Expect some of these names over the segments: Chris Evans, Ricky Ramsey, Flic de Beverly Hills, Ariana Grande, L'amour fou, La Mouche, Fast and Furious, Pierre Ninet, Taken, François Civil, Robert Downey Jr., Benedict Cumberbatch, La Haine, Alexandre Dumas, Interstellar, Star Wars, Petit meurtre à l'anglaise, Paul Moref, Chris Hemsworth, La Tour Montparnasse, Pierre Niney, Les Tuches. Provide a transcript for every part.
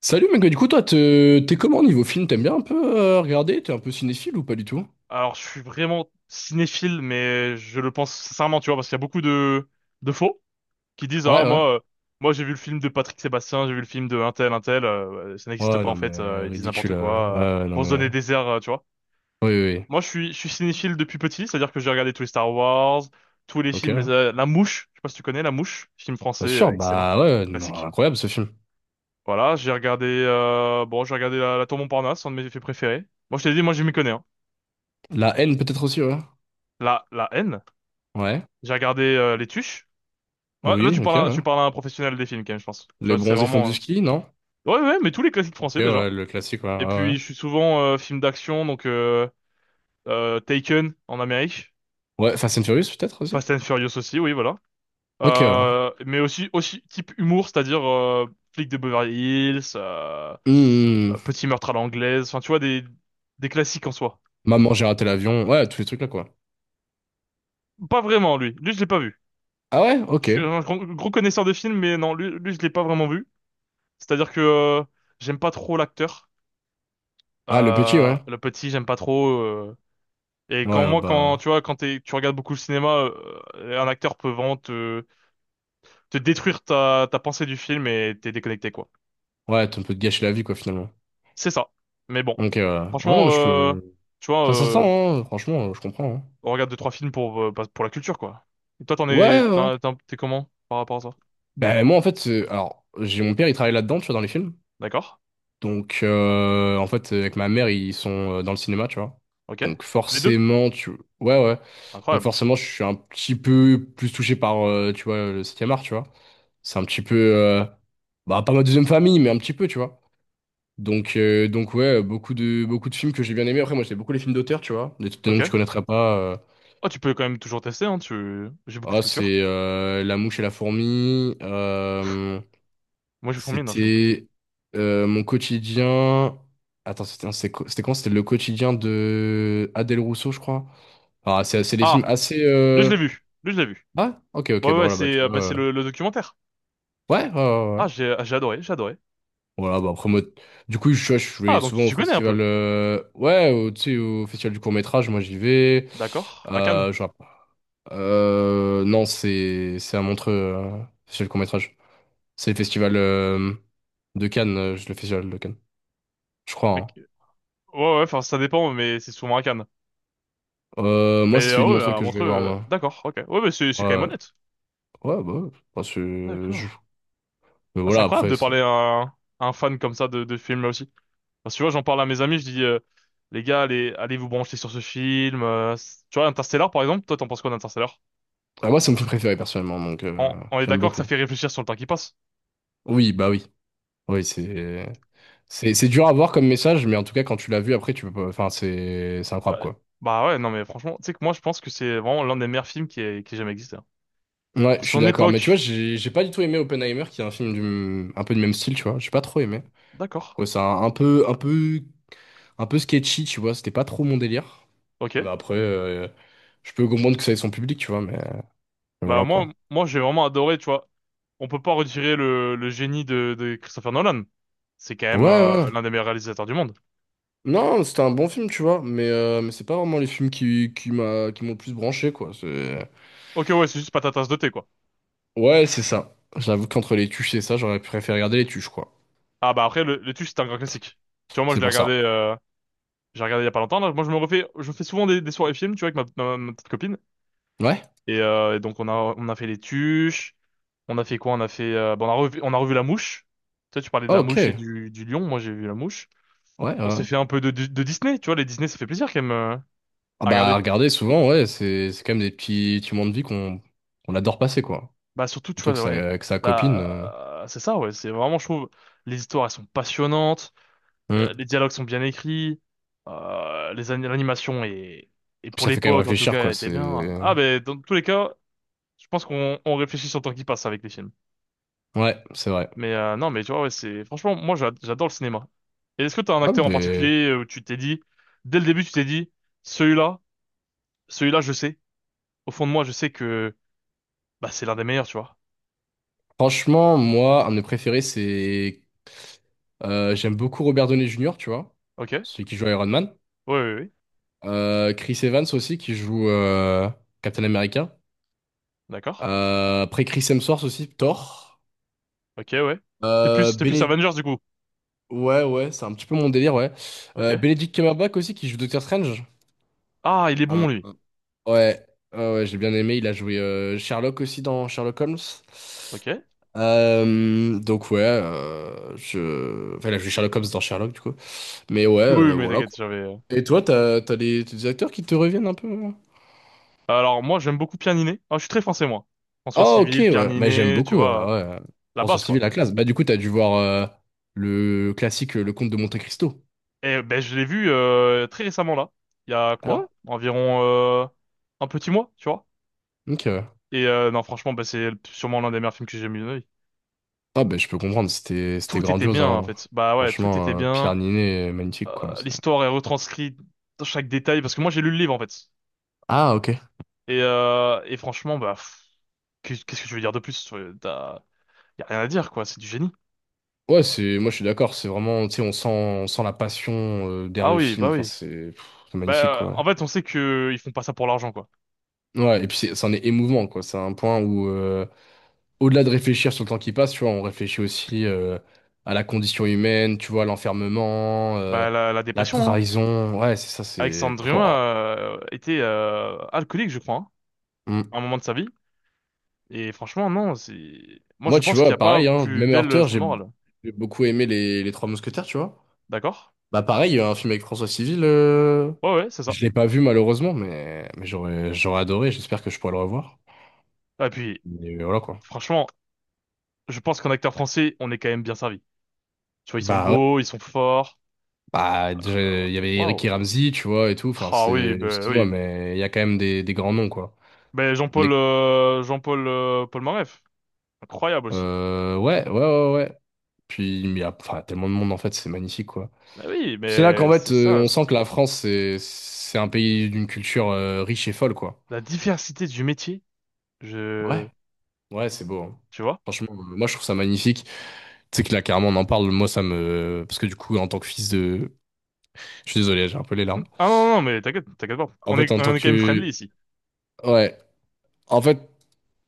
Salut mec, du coup toi t'es comment niveau film? T'aimes bien un peu regarder? T'es un peu cinéphile ou pas du tout? Alors, je suis vraiment cinéphile, mais je le pense sincèrement, tu vois, parce qu'il y a beaucoup de faux qui disent, Ouais, ah, ouais. moi, j'ai vu le film de Patrick Sébastien, j'ai vu le film de un tel, ouais, ça n'existe Ouais, pas, en non fait, mais ils disent ridicule. n'importe quoi, Ouais, ouais, non pour se donner mais. des airs, tu vois. Oui, oui, oui. Moi, je suis cinéphile depuis petit, c'est-à-dire que j'ai regardé tous les Star Wars, tous les Ok. films, La Mouche, je sais pas si tu connais La Mouche, film Bien français, sûr, excellent, bah ouais, non, classique. incroyable ce film. Voilà, j'ai regardé, bon, j'ai regardé la Tour Montparnasse, un de mes films préférés. Moi, je t'ai dit, moi, je m'y connais, hein. La haine peut-être aussi, ouais. La haine. Ouais. J'ai regardé Les Tuches. Ouais, là, Oui, tu ok, parles à, tu ouais. parles à un professionnel des films, quand même, je pense. Tu Les vois, c'est bronzés font vraiment. du ski, non? Ouais, ouais, mais tous les classiques Ok, français, déjà. ouais, le classique, ouais. Et Ouais, ouais, puis, je suis souvent film d'action, donc Taken, en Amérique. ouais, Fast and Furious peut-être aussi? Fast and Furious aussi, oui, voilà. Ok, ouais. Mais aussi, aussi type humour, c'est-à-dire Flic de Beverly Hills, Hmm. Petit meurtre à l'anglaise, enfin, tu vois, des classiques en soi. Maman, j'ai raté l'avion. Ouais, tous les trucs là quoi. Pas vraiment, lui. Lui, je l'ai pas vu. Ah ouais, Je ok. suis un gros, gros connaisseur de films, mais non, lui je l'ai pas vraiment vu. C'est-à-dire que j'aime pas trop l'acteur. Ah le petit, ouais. Le petit, j'aime pas trop. Et Ouais, quand bah. tu vois, tu regardes beaucoup le cinéma, un acteur peut vraiment te détruire ta pensée du film et t'es déconnecté, quoi. Ouais, t'as un peu de gâcher la vie quoi finalement. C'est ça. Mais bon, Donc, ouais, non, franchement, mais je peux. tu vois, Ça s'entend, hein, franchement, je comprends, hein. on regarde deux trois films pour bah, pour la culture, quoi. Et toi, t'en es, Ouais, ouais. t'en- t'en- t'es comment par rapport à ça? Ben, moi, en fait, alors, j'ai mon père, il travaille là-dedans, tu vois, dans les films. D'accord. Donc, en fait, avec ma mère, ils sont dans le cinéma, tu vois. Ok. Donc, Les deux. forcément, tu. Ouais, ouais. C'est Donc, incroyable. forcément, je suis un petit peu plus touché par, tu vois, le 7e art, tu vois. C'est un petit peu. Bah, pas ma deuxième famille, mais un petit peu, tu vois. Donc ouais, beaucoup de films que j'ai bien aimés. Après, moi, j'ai beaucoup les films d'auteur, tu vois. Des noms que tu Ok. connaîtrais pas. Oh, tu peux quand même toujours tester, hein. J'ai beaucoup de Oh culture. c'est La mouche et la fourmi. Moi, je fourmille, non, je connais pas. C'était mon quotidien. Attends, c'était quoi? C'était quand? C'était le quotidien de Adèle Rousseau, je crois. Ah, c'est des films Ah, assez. lui, je l'ai vu. Lui, je l'ai vu. Ah, ok, ok, Ouais, bah ouais, voilà, bah c'est, tu vois. bah, c'est le documentaire. Ouais, ouais, ouais, ouais. Ah, j'ai adoré, j'ai adoré. Voilà, bah après, moi, du coup, je Ah, vais donc tu souvent au tu connais un peu. festival. Ouais, au, tu sais, au festival du court-métrage, moi j'y vais. D'accord. À Cannes. Je vois pas. Non, c'est à Montreux, festival du court-métrage. C'est le festival de Cannes, le festival de Cannes, je Ok. crois, Ouais, ouais, enfin, ça dépend, mais c'est souvent à Cannes. hein. Euh, Mais moi, c'est celui de ouais, Montreux à que je vais Montreux, voir, moi. d'accord, ok. Ouais, mais c'est quand même Ouais, honnête. ouais, bah, ouais. Enfin. D'accord. Mais Ah, c'est voilà, incroyable après, de c'est. parler à un fan comme ça de film là aussi. Parce que tu vois, j'en parle à mes amis, je dis, les gars, allez, allez vous brancher sur ce film. Tu vois, Interstellar, par exemple, toi, t'en penses quoi d'Interstellar? Ah, moi, c'est mon film préféré, personnellement, donc On est j'aime d'accord que ça beaucoup. fait réfléchir sur le temps qui passe. Oui, bah oui. Oui, c'est. C'est dur à voir comme message, mais en tout cas, quand tu l'as vu, après, tu peux pas. Enfin, c'est incroyable, Ouais. quoi. Bah ouais, non, mais franchement, tu sais que moi, je pense que c'est vraiment l'un des meilleurs films qui ait jamais existé, hein. Ouais, Pour je suis son d'accord. Mais tu vois, époque. j'ai pas du tout aimé Oppenheimer, qui est un film du, un peu du même style, tu vois. J'ai pas trop aimé. D'accord. Ouais, c'est un peu sketchy, tu vois, c'était pas trop mon délire. Ok. Mais après, je peux comprendre que ça ait son public, tu vois, mais Bah voilà moi, quoi. moi j'ai vraiment adoré, tu vois. On peut pas retirer le génie de Christopher Nolan. C'est quand Ouais, même ouais. l'un des meilleurs réalisateurs du monde. Non, c'était un bon film, tu vois, mais c'est pas vraiment les films qui m'ont le plus branché, quoi. C'est. Ok, ouais, c'est juste pas ta tasse de thé, quoi. Ouais, c'est ça. J'avoue qu'entre les tuches et ça, j'aurais préféré regarder les tuches, quoi. Ah bah après, le Tuche, c'est un grand classique. Tu vois, moi je C'est l'ai pour regardé, ça. J'ai regardé il y a pas longtemps là. Moi je me refais, je fais souvent des soirées films, tu vois, avec ma petite copine. Ouais? Et donc on a fait les Tuches, on a fait quoi? On a fait, bah, on a revu La Mouche. Tu sais, tu parlais de Ah, La ok. Mouche et Ouais, du Lion, moi j'ai vu La Mouche. ouais, On s'est ouais. fait un peu de, de Disney, tu vois, les Disney, ça fait plaisir quand même Ah à regarder. bah, regarder, souvent, ouais, c'est quand même des petits moments de vie qu'on adore passer, quoi. Bah surtout, tu Surtout que vois, ouais, ça, que sa copine. Là, c'est ça, ouais, c'est vraiment, je trouve, les histoires, elles sont passionnantes, Hum. les dialogues sont bien écrits, l'animation est, et Puis pour ça fait quand même l'époque, en tout réfléchir, cas, quoi. elle était bien. Ah, C'est. ben, dans tous les cas, je pense qu'on on réfléchit sur le temps qui passe avec les films. Ouais, c'est vrai. Mais non, mais tu vois, ouais, c'est, franchement, moi, j'adore le cinéma. Et est-ce que t'as un Ah, acteur en ben, particulier où tu t'es dit, dès le début, tu t'es dit, celui-là, celui-là, je sais, au fond de moi, je sais que, bah, c'est l'un des meilleurs, tu vois. franchement, moi, un de mes préférés, c'est. J'aime beaucoup Robert Downey Jr., tu vois, Ok? Ouais. celui qui joue Iron Man. Oui, oui, oui, Chris Evans aussi, qui joue Captain America. d'accord. Après, Chris Hemsworth aussi, Thor. Ok, ouais. T'es Euh, plus, t'es plus Béné- Avengers du coup. Ouais, ouais, c'est un petit peu mon délire, ouais. Ok. Benedict Cumberbatch aussi, qui joue Doctor Strange. Ah, il est Un- bon lui. un- Ouais, ouais, ouais, j'ai bien aimé. Il a joué Sherlock aussi dans Sherlock Holmes. Ok. Donc ouais, je. Enfin, là, je suis Sherlock Holmes dans Sherlock, du coup. Mais ouais, Oui, oui, mais voilà, t'inquiète, quoi. j'avais. Et toi, t'as, t'as des acteurs qui te reviennent un peu, hein? Alors moi, j'aime beaucoup Pierre Ninet. Ah, je suis très français moi. François Ah, ok, Civil, Pierre ouais. Mais j'aime Ninet, tu beaucoup, vois, ouais. la François base quoi. Civil, la classe. Bah, du coup, t'as dû voir le classique Le Comte de Monte-Cristo. Et ben je l'ai vu très récemment là. Il y a Ah ouais? quoi? Environ un petit mois, tu vois. Ok, ouais. Et non, franchement, bah, c'est sûrement l'un des meilleurs films que j'ai mis de ma vie. Ah, bah, je peux comprendre, c'était Tout était grandiose, bien en hein. fait. Bah ouais, tout était Franchement, bien. Pierre Niney, magnifique, quoi. L'histoire est retranscrite dans chaque détail parce que moi j'ai lu le livre en fait. Ah, ok. Et franchement, bah, pff, qu'est- qu'est-ce que je veux dire de plus? Y a rien à dire, quoi. C'est du génie. Ouais, c'est, moi, je suis d'accord, c'est vraiment, tu sais, on sent, la passion derrière Ah le film. Enfin, oui. c'est Bah, magnifique, en quoi. fait, on sait que ils font pas ça pour l'argent, quoi. Ouais, et puis c'en est émouvant, quoi. C'est un point où, au-delà de réfléchir sur le temps qui passe, tu vois, on réfléchit aussi à la condition humaine, tu vois, à l'enfermement, Bah, la la dépression, hein. trahison. Ouais, c'est ça, c'est. Alexandre Pouah. Dumas était alcoolique, je crois, hein, Mm. à un moment de sa vie. Et franchement, non, c'est. Moi, je Moi, tu pense qu'il n'y vois, a pareil, pas hein, plus même belle Arthur leçon de j'ai morale. j'ai beaucoup aimé les Trois Mousquetaires, tu vois. D'accord? Bah, pareil, il y a un film avec François Civil, Ouais, ouais, c'est ça. je l'ai pas vu malheureusement, mais j'aurais adoré, j'espère que je pourrai le revoir. Ah, et puis, Mais voilà, quoi. franchement, je pense qu'en acteur français, on est quand même bien servi. Tu vois, ils sont Bah, ouais. beaux, ils sont forts. Bah, déjà, Euh, il y avait Waouh. Ricky Ramsey, tu vois, et tout. Enfin, Ah oui, c'est, bah excuse-moi, oui. mais il y a quand même des grands noms, quoi. Ben On Jean-Paul est. Jean-Paul Paul Moref. Incroyable aussi. Ouais, ouais, ouais, ouais. Puis, il y a enfin, tellement de monde, en fait, c'est magnifique, quoi. Ben oui, C'est là qu'en mais c'est fait, ça, on sent que la France, c'est un pays d'une culture riche et folle, quoi. la diversité du métier. Je Ouais, ouais, c'est beau, hein. Tu vois? Franchement, moi, je trouve ça magnifique. Tu sais que là, carrément, on en parle. Moi, ça me. Parce que du coup, en tant que fils de. Je suis désolé, j'ai un peu les Hmm. larmes. Ah non non non, mais t'inquiète, t'inquiète pas. En On fait, est en tant on est quand même friendly que. ici. Ouais. En fait.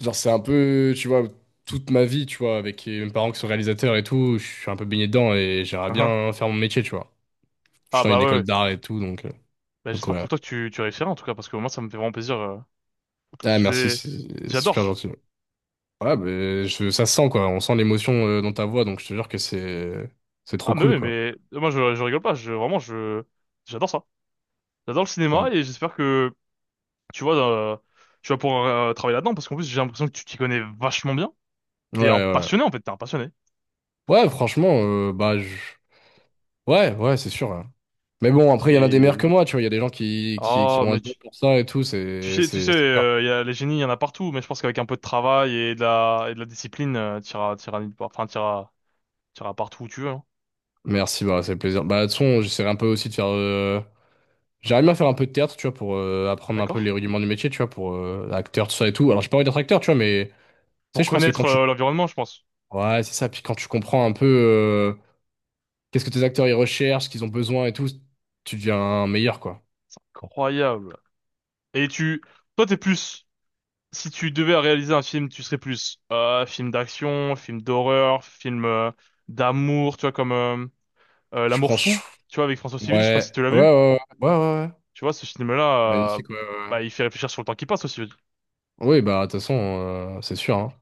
Genre, c'est un peu, tu vois, toute ma vie, tu vois, avec mes parents qui sont réalisateurs et tout, je suis un peu baigné dedans et j'aimerais Ah ah. bien faire mon métier, tu vois. Je Ah, suis dans bah une ouais, école ouais. d'art et tout, Ben, donc j'espère ouais. pour toi que tu réussiras en tout cas parce que moi ça me fait vraiment plaisir. Je Ah, merci, sais- c'est super J'adore. gentil. Ouais, mais ça se sent, quoi. On sent l'émotion dans ta voix, donc je te jure que c'est trop Ah mais cool, oui, quoi. mais moi je rigole pas, je vraiment je j'adore ça. J'adore le cinéma Ouais, et j'espère que tu vois tu vas pouvoir travailler là-dedans parce qu'en plus j'ai l'impression que tu t'y connais vachement bien. ouais. T'es un Ouais, passionné en fait, t'es un passionné. ouais, franchement, bah, ouais, ouais, c'est sûr, hein. Mais bon, après, il y en a des Et meilleurs que moi, tu vois. Il y a des gens qui oh, ont un mais don tu, pour ça et tout, c'est tu sais, c'est c'est sûr. Il y a les génies, il y en a partout. Mais je pense qu'avec un peu de travail et de la discipline, t'iras nulle part. Enfin, t'iras partout où tu veux, hein. Merci, bah, c'est plaisir. Bah, de toute façon, j'essaierai un peu aussi de faire. J'aimerais bien faire un peu de théâtre, tu vois, pour apprendre un peu D'accord? les rudiments du métier, tu vois, pour acteur, tout ça et tout. Alors, j'ai pas envie d'être acteur, tu vois, mais tu Pour sais, je pense que connaître quand tu. L'environnement, je pense. Ouais, c'est ça. Puis quand tu comprends un peu qu'est-ce que tes acteurs ils recherchent, ce qu'ils ont besoin et tout, tu deviens meilleur, quoi. C'est incroyable. Et toi, t'es plus. Si tu devais réaliser un film, tu serais plus film d'action, film d'horreur, film d'amour. Tu vois comme Je L'amour prends. Fou. Tu vois avec François Civil. Je sais pas si Ouais, tu l'as ouais, ouais, vu. ouais, ouais, ouais, ouais. Tu vois ce film-là, Magnifique, ouais, ouais, ouais. bah, il fait réfléchir sur le temps qui passe aussi. Oui, bah, de toute façon, c'est sûr, hein.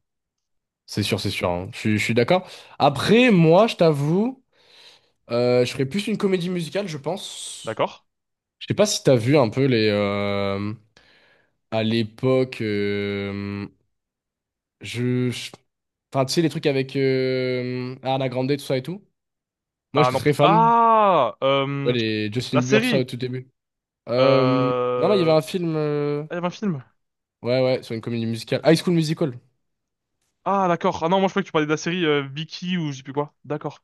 C'est sûr, hein. Je suis d'accord. Après, moi, je t'avoue, je ferais plus une comédie musicale, je pense. D'accord? Je sais pas si t'as vu un peu les. À l'époque, je, je- Enfin, tu sais, les trucs avec Ariana Grande, tout ça et tout. Moi, Ah j'étais non. p- très fan. Tu Ah vois, Les Justin La Bieber, tout ça, au série tout début. Non, non, il y avait euh... un film. Ah, il y avait un film. Ouais, ouais, sur une comédie musicale. High School Musical. Ah d'accord. Ah non, moi je croyais que tu parlais de la série Vicky ou je sais plus quoi. D'accord.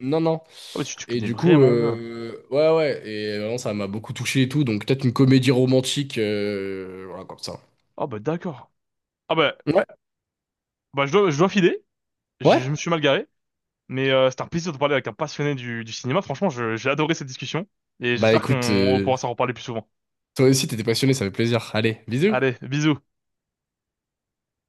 Non, non. Ah bah tu Et connais du coup, vraiment bien. Ouais, ouais. Et vraiment, ça m'a beaucoup touché et tout. Donc, peut-être une comédie romantique. Voilà, comme ça. Ah bah d'accord. Ah bah, Ouais. bah je dois filer. Je, Ouais. je me suis mal garé. Mais c'était un plaisir de parler avec un passionné du cinéma. Franchement, j'ai adoré cette discussion. Et Bah, j'espère qu'on écoute, on pourra s'en reparler plus souvent. toi aussi, t'étais passionné, ça fait plaisir. Allez, bisous. Allez, bisous.